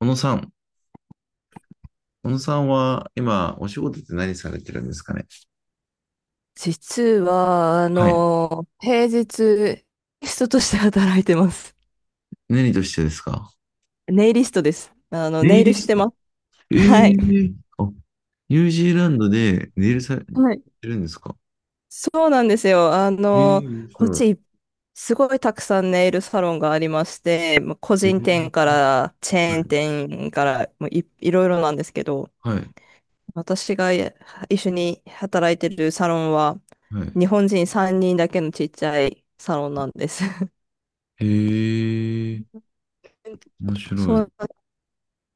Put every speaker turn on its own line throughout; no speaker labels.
小野さん、小野さんは今、お仕事って何されてるんですかね。
実は、
はい。
平日、リストとして働いてます。
何としてですか。
ネイリストです。
ネ
ネ
イ
イル
リ
し
ス
て
ト。
ま
え
す。はい。
え。あ、ニュージーランドでネイルされて
はい。
るんですか。
そうなんですよ。
ええ、面
こっ
白い。
ち、すごいたくさんネイルサロンがありまして、まあ個
ええ。
人店からチェ
は
ーン
い。
店からもういろいろなんですけど、私が一緒に働いてるサロンは、
はい。
日本人3人だけのちっちゃいサロンなんです。
ええー、 面白
そう。
い。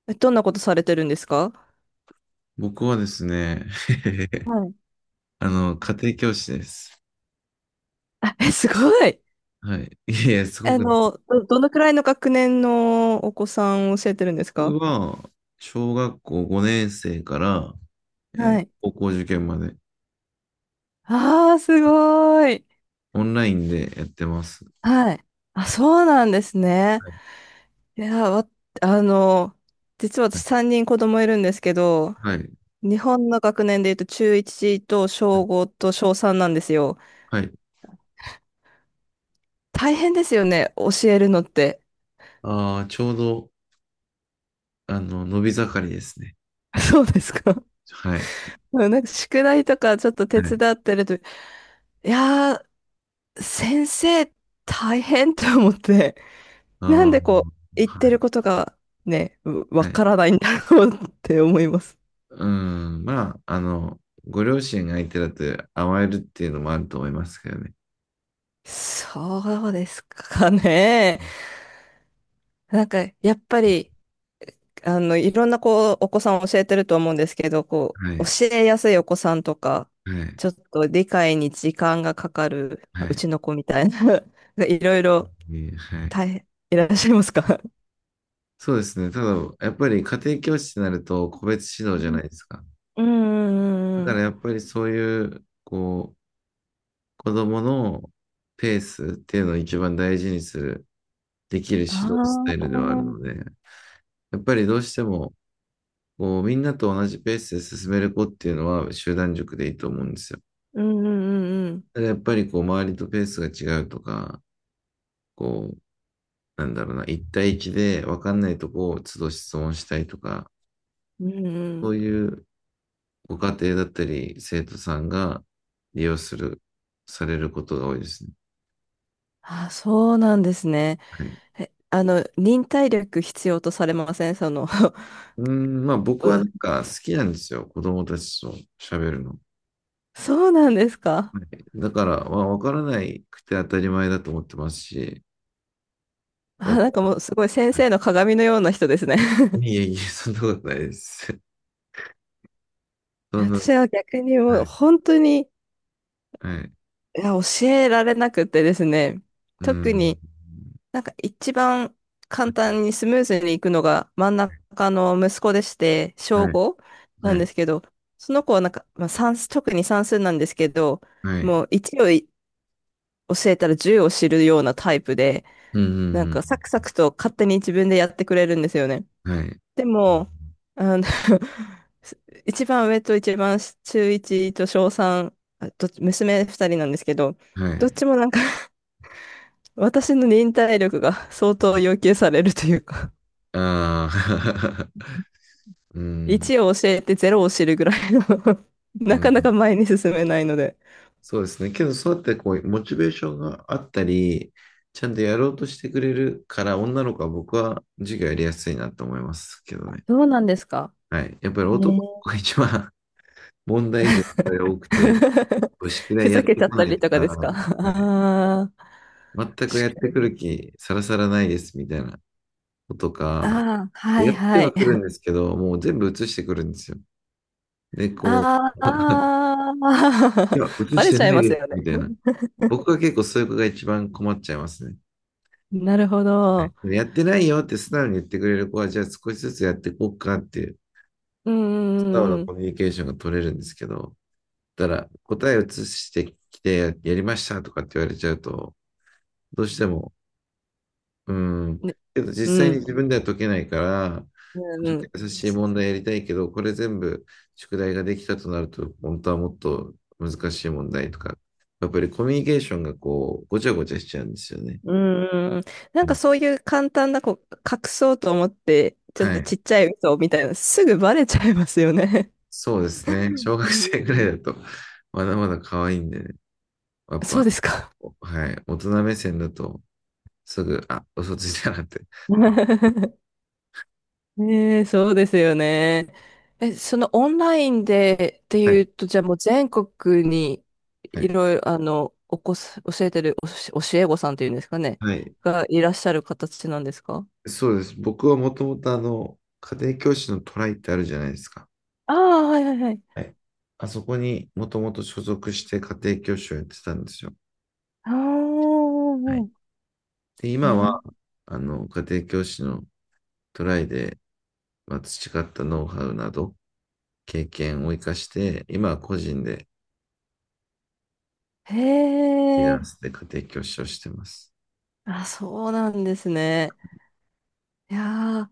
どんなことされてるんですか？
僕はですね、
はい。
家庭教師です。
あ、え、すごい。
はい。いやいや、すごく、
どのくらいの学年のお子さんを教えてるんです
僕
か？
は、小学校5年生から、
はい。
高校受験まで、
ああー、すごい。
オンラインでやってます。
はい。あ、そうなんですね。
はい。
いや、わ、あの、実は私3人子供いるんですけど、
はい。
日本の学年で言うと中1と小5と小3なんですよ。
はい。
大変ですよね、教えるのって。
ああー、ちょうど、伸び盛りですね。
そうですか。う
はい。
ん、なんか宿題とかちょっと
は
手
い。
伝ってると、いやー、先生大変と思って、なん
ああ、
でこう、言ってる
は
ことがね、
い。
わ
はい。
からないんだろうって思います。
うん。まあ、ご両親が相手だと甘えるっていうのもあると思いますけどね。
そうですかね。なんか、やっぱり、いろんなこう、お子さんを教えてると思うんですけど、こ
は
う、
い。
教えやすいお子さんとか、
はい。
ちょっと理解に時間がかかる、ま
は
あう
い。
ちの子みたいな、いろいろ
ね、はい。
大変、いらっしゃいますか？
そうですね。ただ、やっぱり家庭教師になると個別指導
う
じゃないで
ん。
すか。
うんう
だ
んうんう
から
ん。
やっぱりそういう、こう、子供のペースっていうのを一番大事にする、できる指導スタイ
あ
ルではあるの
あ。
で、やっぱりどうしても、こう、みんなと同じペースで進める子っていうのは集団塾でいいと思うんですよ。
うんうんうん
ただやっぱりこう、周りとペースが違うとか、こう、なんだろうな、一対一で分かんないとこを都度質問したいとか、
うん。うんう
そ
ん。
ういうご家庭だったり、生徒さんが利用する、されることが多いですね。
あ、そうなんですね。
はい。
え、忍耐力必要とされませんその？
うーん、まあ僕は
お
なんか好きなんですよ。子供たちと喋るの。
そうなんですか？
はい。だから、まあ、分からないくて当たり前だと思ってますし、
あ、なんか
わ
もうすごい先生の鏡のような人ですね。
いえいえ、そんなことないです。そんな、
私は逆にも
は
う
い、
本当に、
はい、
いや、教えられなくてですね。
う
特
ん、
になんか一番簡単にスムーズにいくのが真ん中の息子でして、小
はい、
5な
は
んで
い、
すけど、その子はなんか、まあ、算数、特に算数なんですけど、
はい、
もう1を教えたら10を知るようなタイプで、
うん、う
なんかサ
ん、
クサクと勝手に自分でやってくれるんですよね。
うん、はい、
でも、あの 一番上と一番中1と小3、あ、どっち娘2人なんですけど、
は
どっ
い、
ちもなんか私の忍耐力が相当要求されるというか
ああ、うん、
1を教えてゼロを知るぐらいの
う
な
ん、
かなか前に進めないので。
そうですね。けど、そうやってこう、モチベーションがあったり、ちゃんとやろうとしてくれるから、女の子は僕は授業やりやすいなと思いますけど ね。
そうなんですか。
はい。やっぱり
え
男の
ー。
子が一番 問題児がやっぱり多くて、こう宿題
ふ
やっ
ざけ
て
ちゃっ
こ
た
ない
り
と
とか
か、
ですか？
はい。
ああ。
全 く
し
やっ
か
てくる気さらさらないですみたいなことか、
ああ、は
や
い
って
は
は
い。
くるんですけど、もう全部映してくるんですよ。で、こ
ああ、
う、いや、映
バ
し
レ
て
ちゃ
な
い
い
ます
です
よね。
みたいな。僕は結構そういう子が一番困っちゃいますね。
なるほど。
はい。やってないよって素直に言ってくれる子は、じゃあ少しずつやっていこうかっていう、
う
素直
ん
な
う
コ
ん
ミュニケーションが取れるんですけど、だから答えを移してきて、やりましたとかって言われちゃうと、どうしても、うん。
うん。ね。
けど
う
実際に
ん。
自分では解けないから、
うん
ちょっ
う
と
ん。
優しい問題やりたいけど、これ全部宿題ができたとなると、本当はもっと難しい問題とか、やっぱりコミュニケーションがこう、ごちゃごちゃしちゃうんですよね。
うんうん。な
う
んか
ん。
そういう簡単なこう、隠そうと思って、ちょっ
は
と
い。
ちっちゃい嘘みたいな、すぐバレちゃいますよね。
そうですね。小
う
学生ぐらい
ん。
だと、まだまだ可愛いんでね。やっ
そう
ぱ、
ですか。
はい。大人目線だと、すぐ、あ、嘘ついたなって。
ねえ、そうですよね。え、そのオンラインでって
は
い
い。
うと、じゃあもう全国に
は
い
い。
ろいろ、あの、おこす、教えてる教え子さんっていうんですかね、
はい。
がいらっしゃる形なんですか？
そうです。僕はもともと家庭教師のトライってあるじゃないですか。
ああ、はいはいはい。
はい。あそこにもともと所属して家庭教師をやってたんですよ。
あ
はい。
あ、
で、今
な、
は、家庭教師のトライで、まあ、培ったノウハウなど、経験を生かして、今は個人で、
へ
フリーラン
え、
スで家庭教師をしてます。
あ、そうなんですね。いやー、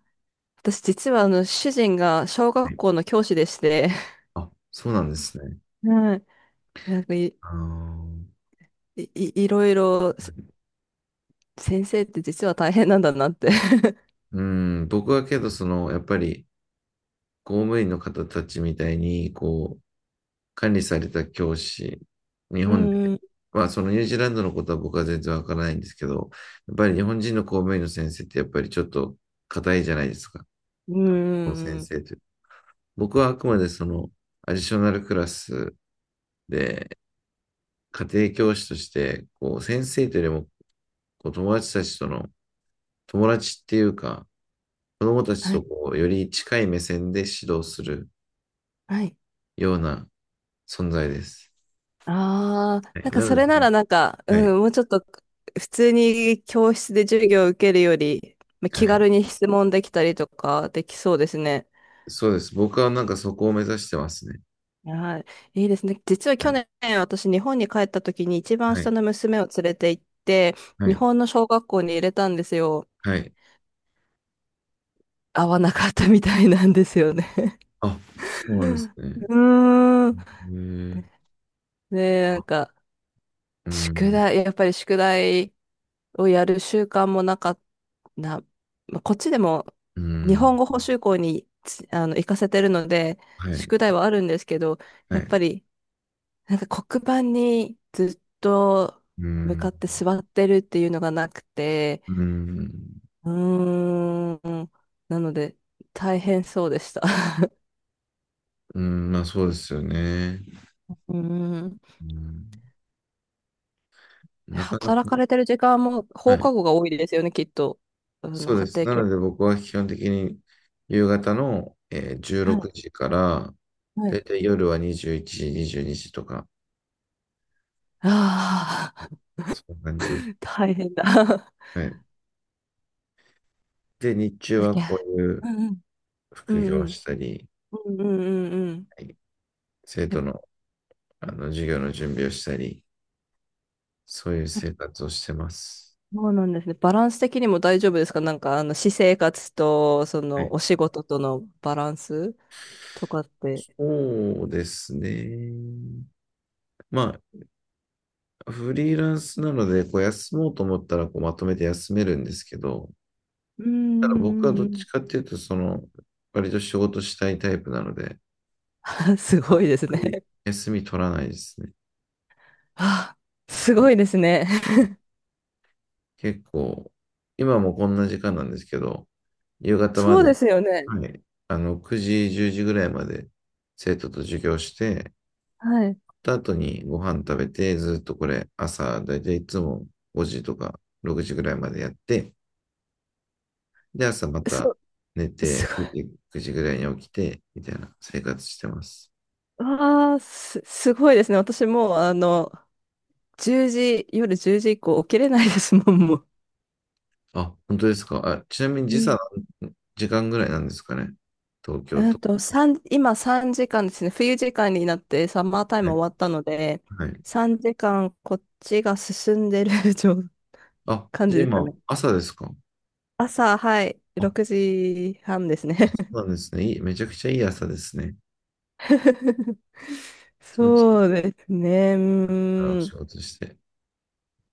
私実は主人が小
は
学
い。
校の教師でして、
あ、そうなんですね。
はい。なんかい
あー、
い、い、いろいろせ先生って実は大変なんだなって。
うん、僕はけど、その、やっぱり、公務員の方たちみたいに、管理された教師、日
う
本で、
ん、
まあそのニュージーランドのことは僕は全然わからないんですけど、やっぱり日本人の公務員の先生ってやっぱりちょっと硬いじゃないですか、
うん、
この先
うん。
生という。僕はあくまでそのアディショナルクラスで家庭教師として、こう先生というよりもこう友達たちとの友達っていうか、子供たち
は
と
い、
こうより近い目線で指導する
はい。
ような存在です。
ああ、
は
なん
い、
か
な
そ
の
れ
で、
ならなんか、
は
う
い、
ん、もうちょっと普通に教室で授業を受けるより、まあ
は
気軽
い。
に質問できたりとかできそうですね。
そうです。僕はなんかそこを目指してますね。
はい、いいですね。実は
は
去
い。
年私日本に帰った時に一番
は
下
い。
の娘を連れて行って、
は
日
い。
本の小学校に入れたんですよ。
はい。
合わなかったみたいなんですよね。
あ、そうなんです ね。
うーん。
へえ。
ね。なん
あ、
か、
う
宿
ん。
題、やっぱり宿題をやる習慣もなかったな。まあこっちでも
う
日
ん。
本語補習校につあの行かせてるので、
はい。
宿題はあるんですけど、
は
やっ
い。
ぱりなんか黒板にずっと
う
向か
ん。
って座ってるっていうのがなくて、
うん。
うーん、なので大変そうでした。
うん。まあそうですよね。
うーん。
うん。
で
なかなか。
働かれてる時間も
は
放
い。
課後が多いですよね、きっと。あの
そうで
家
す。
庭
なの
教。
で僕は基本的に夕方の、16
はい。
時から、
は
だ
い。
いたい夜は21時、22時とか、
ああ。
そんな感じで。
大変だ。
はい。で、日中
だ
は
け
こうい
う
う
んう
副業
んう
を
ん。
したり、
うんうんうんうん。
はい。生
や
徒
っ
の、授業の準備をしたり、そういう
ぱ、
生活をしてます。
そうなんですね。バランス的にも大丈夫ですか？なんか、私生活と、そ
はい。
の、お仕事とのバランスとかって。
そうですね。まあ、フリーランスなので、こう休もうと思ったらこうまとめて休めるんですけど、
うんう
ただ僕はど
んうんう
っち
ん。
かっていうと、その、割と仕事したいタイプなので、
あ、す
あ
ごい
ん
です
まり
ね。
休み取らないですね。
あ、す
はい、
ごいですね。
結構、今もこんな時間なんですけど、夕方ま
そうで
で、
すよね。
はい、9時、10時ぐらいまで生徒と授業して、
はい。
た後にご飯食べて、ずっとこれ朝、だいたいいつも5時とか6時ぐらいまでやって、で、朝ま
そ
た寝
う、
て、
すご
9
い。
時、くじぐらいに起きて、みたいな生活してます。
ああ、すごいですね。私もう、1時、夜10時以降起きれないですもん、もう。
あ、本当ですか。あ、ちなみに時差、時間ぐらいなんですかね。東京と。
今3時間ですね。冬時間になってサマータイ
は
ム
い。
終わったので、
はい。
3時間こっちが進んでる
あ、
感
じ
じ
ゃあ
ですか
今、
ね。
朝ですか。
朝、はい、
あ、
6時半ですね。
そうなんですね。めちゃくちゃいい朝ですね。気持ちいい
そうですね。う
から
ー
仕
ん。
事して。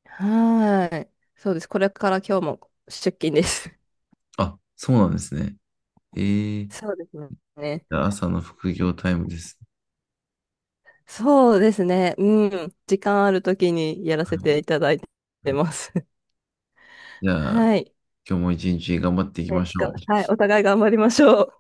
はい。そうです。これから今日も出勤です。
あ、そうなんですね。え ー、
そうですね。
朝の副業タイムです。
そうですね。うん。時間あるときにやらせ
はい。
ていただいて
はい。
ます。
じ ゃあ、
はい。
今日も一日頑張っていきましょう。
はい。お互い頑張りましょう。